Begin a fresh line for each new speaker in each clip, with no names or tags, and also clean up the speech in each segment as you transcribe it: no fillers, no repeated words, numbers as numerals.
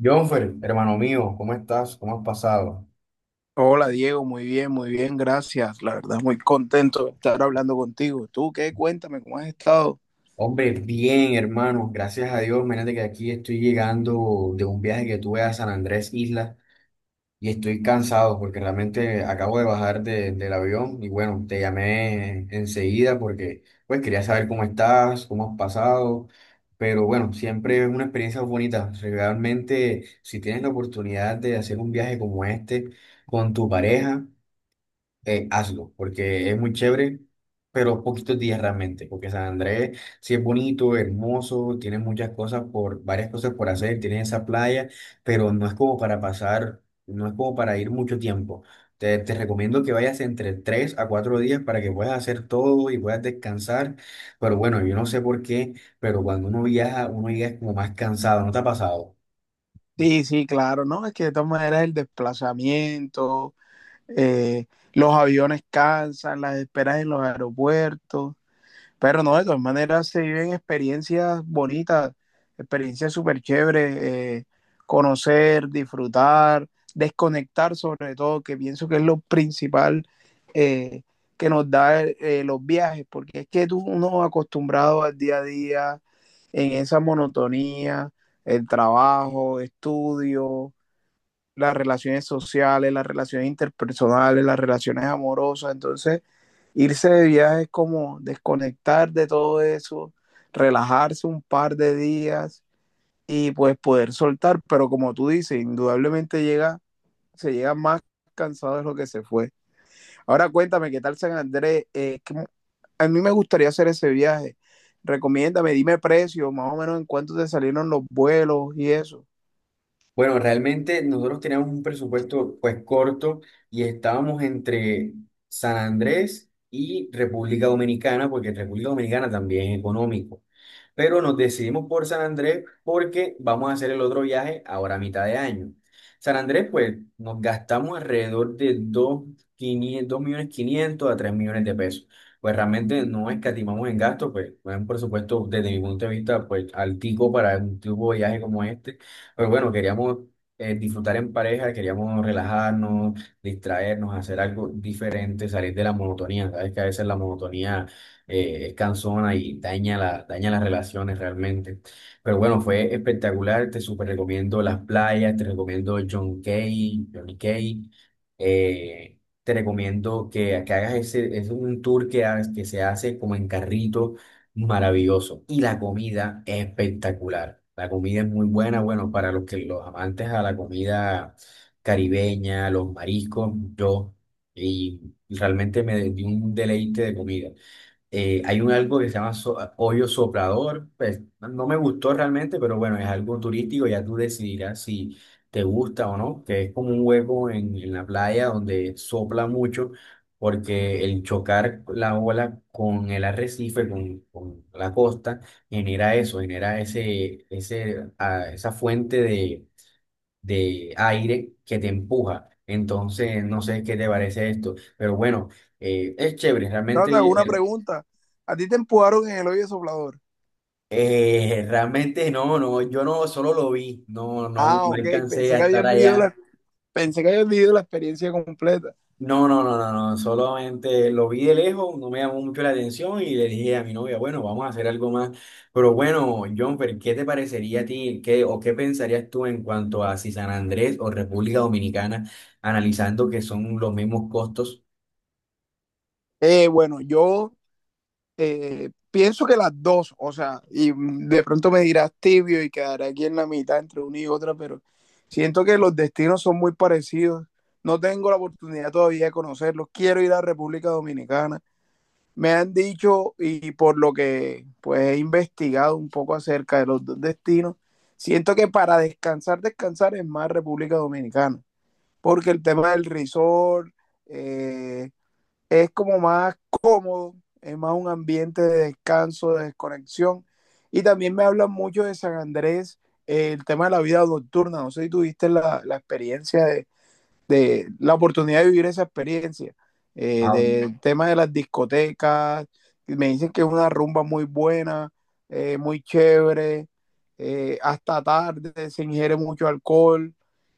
Jonfer, hermano mío, ¿cómo estás? ¿Cómo has pasado?
Hola Diego, muy bien, gracias. La verdad, muy contento de estar hablando contigo. ¿Tú qué? Cuéntame, ¿cómo has estado?
Hombre, bien, hermano, gracias a Dios. Imagínate que aquí estoy llegando de un viaje que tuve a San Andrés Isla y estoy cansado porque realmente acabo de bajar del avión y bueno, te llamé enseguida porque pues quería saber cómo estás, cómo has pasado, pero bueno, siempre es una experiencia bonita. Realmente, si tienes la oportunidad de hacer un viaje como este con tu pareja, hazlo, porque es muy chévere, pero poquitos días realmente, porque San Andrés sí es bonito, hermoso, tiene varias cosas por hacer, tiene esa playa, pero no es como para pasar, no es como para ir mucho tiempo. Te recomiendo que vayas entre 3 a 4 días para que puedas hacer todo y puedas descansar, pero bueno, yo no sé por qué, pero cuando uno viaja, uno llega como más cansado, ¿no te ha pasado?
Sí, sí, claro, ¿no? Es que de todas maneras el desplazamiento, eh, los aviones cansan, las esperas en los aeropuertos. Pero no, de todas maneras se viven experiencias bonitas, experiencias súper chéveres, conocer, disfrutar, desconectar sobre todo, que pienso que es lo principal eh, que nos da los viajes, porque es que tú uno acostumbrado al día a día, en esa monotonía, el trabajo, estudio, las relaciones sociales, las relaciones interpersonales, las relaciones amorosas. Entonces, irse de viaje es como desconectar de todo eso, relajarse un par de días y pues poder soltar. Pero como tú dices, indudablemente llega, se llega más cansado de lo que se fue. Ahora cuéntame, ¿qué tal San Andrés? Que a mí me gustaría hacer ese viaje. Recomiéndame, dime precio, más o menos en cuánto te salieron los vuelos y eso.
Bueno, realmente nosotros teníamos un presupuesto pues corto y estábamos entre San Andrés y República Dominicana, porque en República Dominicana también es económico, pero nos decidimos por San Andrés porque vamos a hacer el otro viaje ahora a mitad de año. San Andrés, pues, nos gastamos alrededor de dos millones 500 a 3 millones de pesos. Pues realmente no escatimamos en gastos, pues, bueno, por supuesto, desde mi punto de vista, pues, altico para un tipo de viaje como este. Pero bueno, queríamos disfrutar en pareja, queríamos relajarnos, distraernos, hacer algo diferente, salir de la monotonía. Sabes que a veces la monotonía es cansona y daña las relaciones realmente. Pero bueno, fue espectacular, te súper recomiendo las playas, te recomiendo John Key, Johnny Cay, te recomiendo que hagas ese, es un tour que se hace como en carrito, maravilloso. Y la comida es espectacular. La comida es muy buena, bueno, para los que los amantes a la comida caribeña, los mariscos, yo, y realmente me di un deleite de comida. Hay un algo que se llama hoyo soplador, pues no me gustó realmente, pero bueno, es algo turístico, ya tú decidirás si te gusta o no, que es como un hueco en la playa donde sopla mucho, porque el chocar la ola con el arrecife, con la costa, genera eso, genera esa fuente de aire que te empuja. Entonces, no sé qué te parece esto, pero bueno, es chévere, realmente.
Trata, una pregunta. ¿A ti te empujaron en el hoyo soplador?
Realmente no, no, yo no solo lo vi, no, no,
Ah,
no
ok,
alcancé
pensé
a
que
estar
habías vivido
allá.
pensé que habías vivido la experiencia completa.
No, no, no, no, no, solamente lo vi de lejos, no me llamó mucho la atención y le dije a mi novia, bueno, vamos a hacer algo más. Pero bueno, Jonfer, ¿qué te parecería a ti, qué, o qué pensarías tú en cuanto a si San Andrés o República Dominicana, analizando que son los mismos costos?
Bueno, yo pienso que las dos, o sea, y mm, de pronto me dirás tibio y quedaré aquí en la mitad entre una y otra, pero siento que los destinos son muy parecidos. No tengo la oportunidad todavía de conocerlos. Quiero ir a República Dominicana. Me han dicho y por lo que pues he investigado un poco acerca de los dos destinos, siento que para descansar, descansar es más República Dominicana, porque el tema del resort eh, es como más cómodo, es más un ambiente de descanso, de desconexión. Y también me hablan mucho de San Andrés, el tema de la vida nocturna. No sé si tuviste la experiencia de la oportunidad de vivir esa experiencia, del tema de las discotecas, me dicen que es una rumba muy buena, muy chévere, hasta tarde se ingiere mucho alcohol,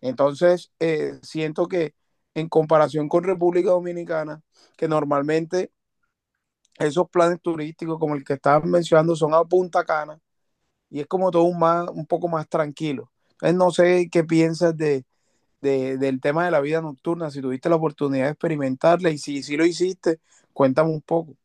entonces siento que en comparación con República Dominicana, que normalmente esos planes turísticos como el que estabas mencionando son a Punta Cana y es como todo un, más, un poco más tranquilo. Entonces, no sé qué piensas de, del tema de la vida nocturna, si tuviste la oportunidad de experimentarla y si, si lo hiciste, cuéntame un poco.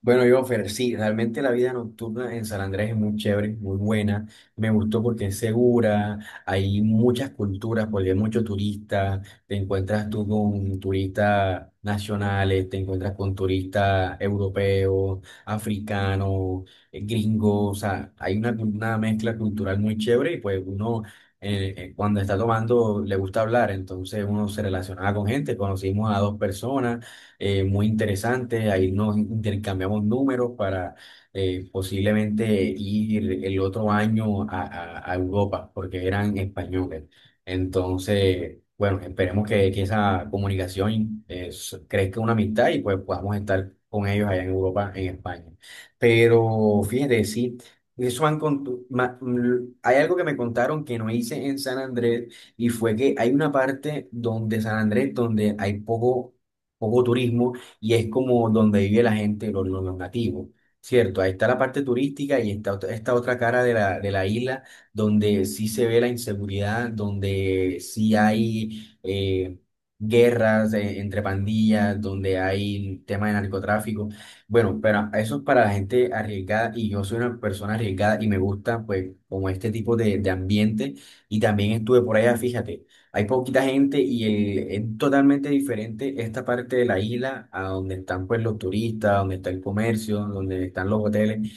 Bueno, yo, Fer, sí, realmente la vida nocturna en San Andrés es muy chévere, muy buena. Me gustó porque es segura, hay muchas culturas, porque hay muchos turistas. Te encuentras tú con turistas nacionales, te encuentras con turistas europeos, africanos, gringos. O sea, hay una mezcla cultural muy chévere y pues uno cuando está tomando le gusta hablar, entonces uno se relacionaba con gente. Conocimos a dos personas muy interesante. Ahí nos intercambiamos números para posiblemente ir el otro año a Europa, porque eran españoles. Entonces, bueno, esperemos que esa comunicación crezca una amistad y pues podamos estar con ellos allá en Europa, en España. Pero fíjate, sí. Eso han contu- ma- mm, Hay algo que me contaron que no hice en San Andrés y fue que hay una parte donde San Andrés donde hay poco turismo y es como donde vive la gente, los nativos, ¿cierto? Ahí está la parte turística y está esta otra cara de la isla donde sí se ve la inseguridad, donde sí hay guerras entre pandillas, donde hay temas de narcotráfico. Bueno, pero eso es para la gente arriesgada y yo soy una persona arriesgada y me gusta pues como este tipo de ambiente, y también estuve por allá, fíjate. Hay poquita gente y es totalmente diferente esta parte de la isla a donde están pues los turistas, donde está el comercio, donde están los hoteles.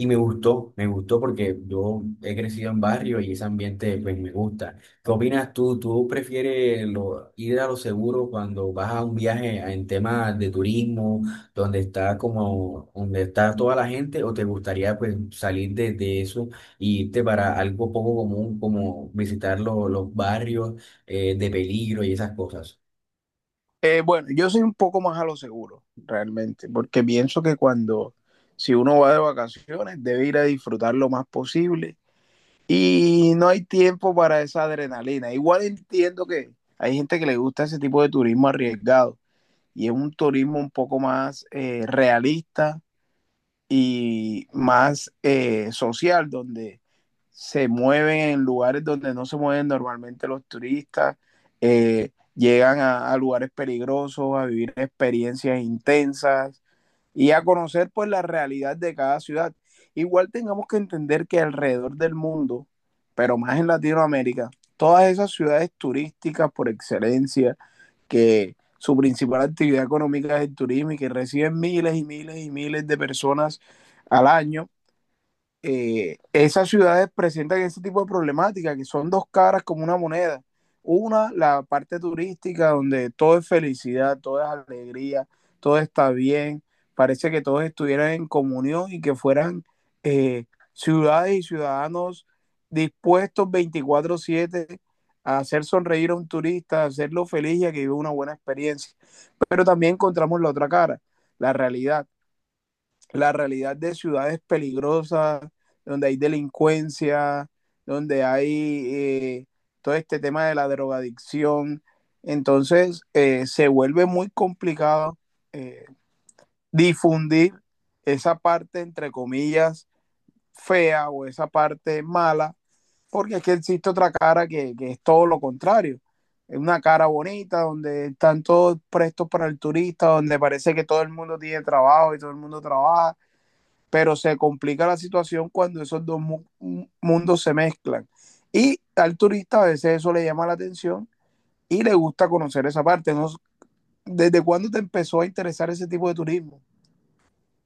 Y me gustó porque yo he crecido en barrio y ese ambiente pues me gusta. ¿Qué opinas tú? ¿Tú prefieres ir a lo seguro cuando vas a un viaje en temas de turismo, donde está como, donde está toda la gente, o te gustaría pues salir de eso e irte para algo poco común como visitar los barrios de peligro y esas cosas?
Bueno, yo soy un poco más a lo seguro, realmente, porque pienso que cuando, si uno va de vacaciones, debe ir a disfrutar lo más posible y no hay tiempo para esa adrenalina. Igual entiendo que hay gente que le gusta ese tipo de turismo arriesgado y es un turismo un poco más realista, y más social, donde se mueven en lugares donde no se mueven normalmente los turistas, llegan a, lugares peligrosos, a vivir experiencias intensas, y a conocer pues la realidad de cada ciudad. Igual tengamos que entender que alrededor del mundo, pero más en Latinoamérica, todas esas ciudades turísticas por excelencia, que su principal actividad económica es el turismo y que reciben miles y miles y miles de personas al año, esas ciudades presentan ese tipo de problemáticas, que son dos caras como una moneda. Una, la parte turística, donde todo es felicidad, todo es alegría, todo está bien, parece que todos estuvieran en comunión y que fueran eh, ciudades y ciudadanos dispuestos 24/7 a hacer sonreír a un turista, a hacerlo feliz y a que viva una buena experiencia. Pero también encontramos la otra cara, la realidad, la realidad de ciudades peligrosas, donde hay delincuencia, donde hay todo este tema de la drogadicción. Entonces, se vuelve muy complicado eh, difundir esa parte, entre comillas, fea o esa parte mala, porque es que existe otra cara que es todo lo contrario. Es una cara bonita donde están todos prestos para el turista, donde parece que todo el mundo tiene trabajo y todo el mundo trabaja, pero se complica la situación cuando esos mundos se mezclan. Y al turista a veces eso le llama la atención y le gusta conocer esa parte. No, ¿desde cuándo te empezó a interesar ese tipo de turismo?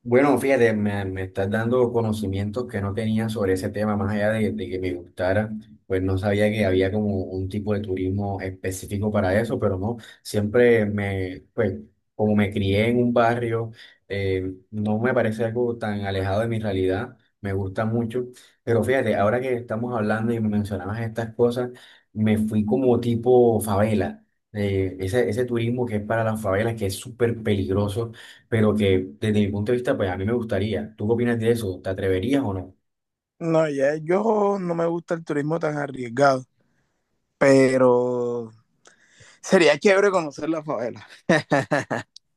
Bueno, fíjate, me estás dando conocimientos que no tenía sobre ese tema, más allá de que me gustara, pues no sabía que había como un tipo de turismo específico para eso, pero no, siempre me, pues como me crié en un barrio, no me parece algo tan alejado de mi realidad, me gusta mucho, pero fíjate, ahora que estamos hablando y me mencionabas estas cosas, me fui como tipo favela, ese turismo que es para las favelas, que es súper peligroso pero que desde mi punto de vista, pues a mí me gustaría. ¿Tú qué opinas de eso? ¿Te atreverías o no?
No, ya yo no me gusta el turismo tan arriesgado, pero sería chévere conocer la favela.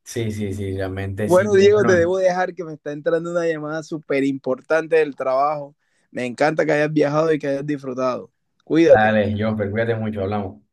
Sí, sí, sí, realmente sí.
Bueno, Diego, te
Bueno,
debo dejar que me está entrando una llamada súper importante del trabajo. Me encanta que hayas viajado y que hayas disfrutado. Cuídate.
dale, yo, pero cuídate mucho, hablamos.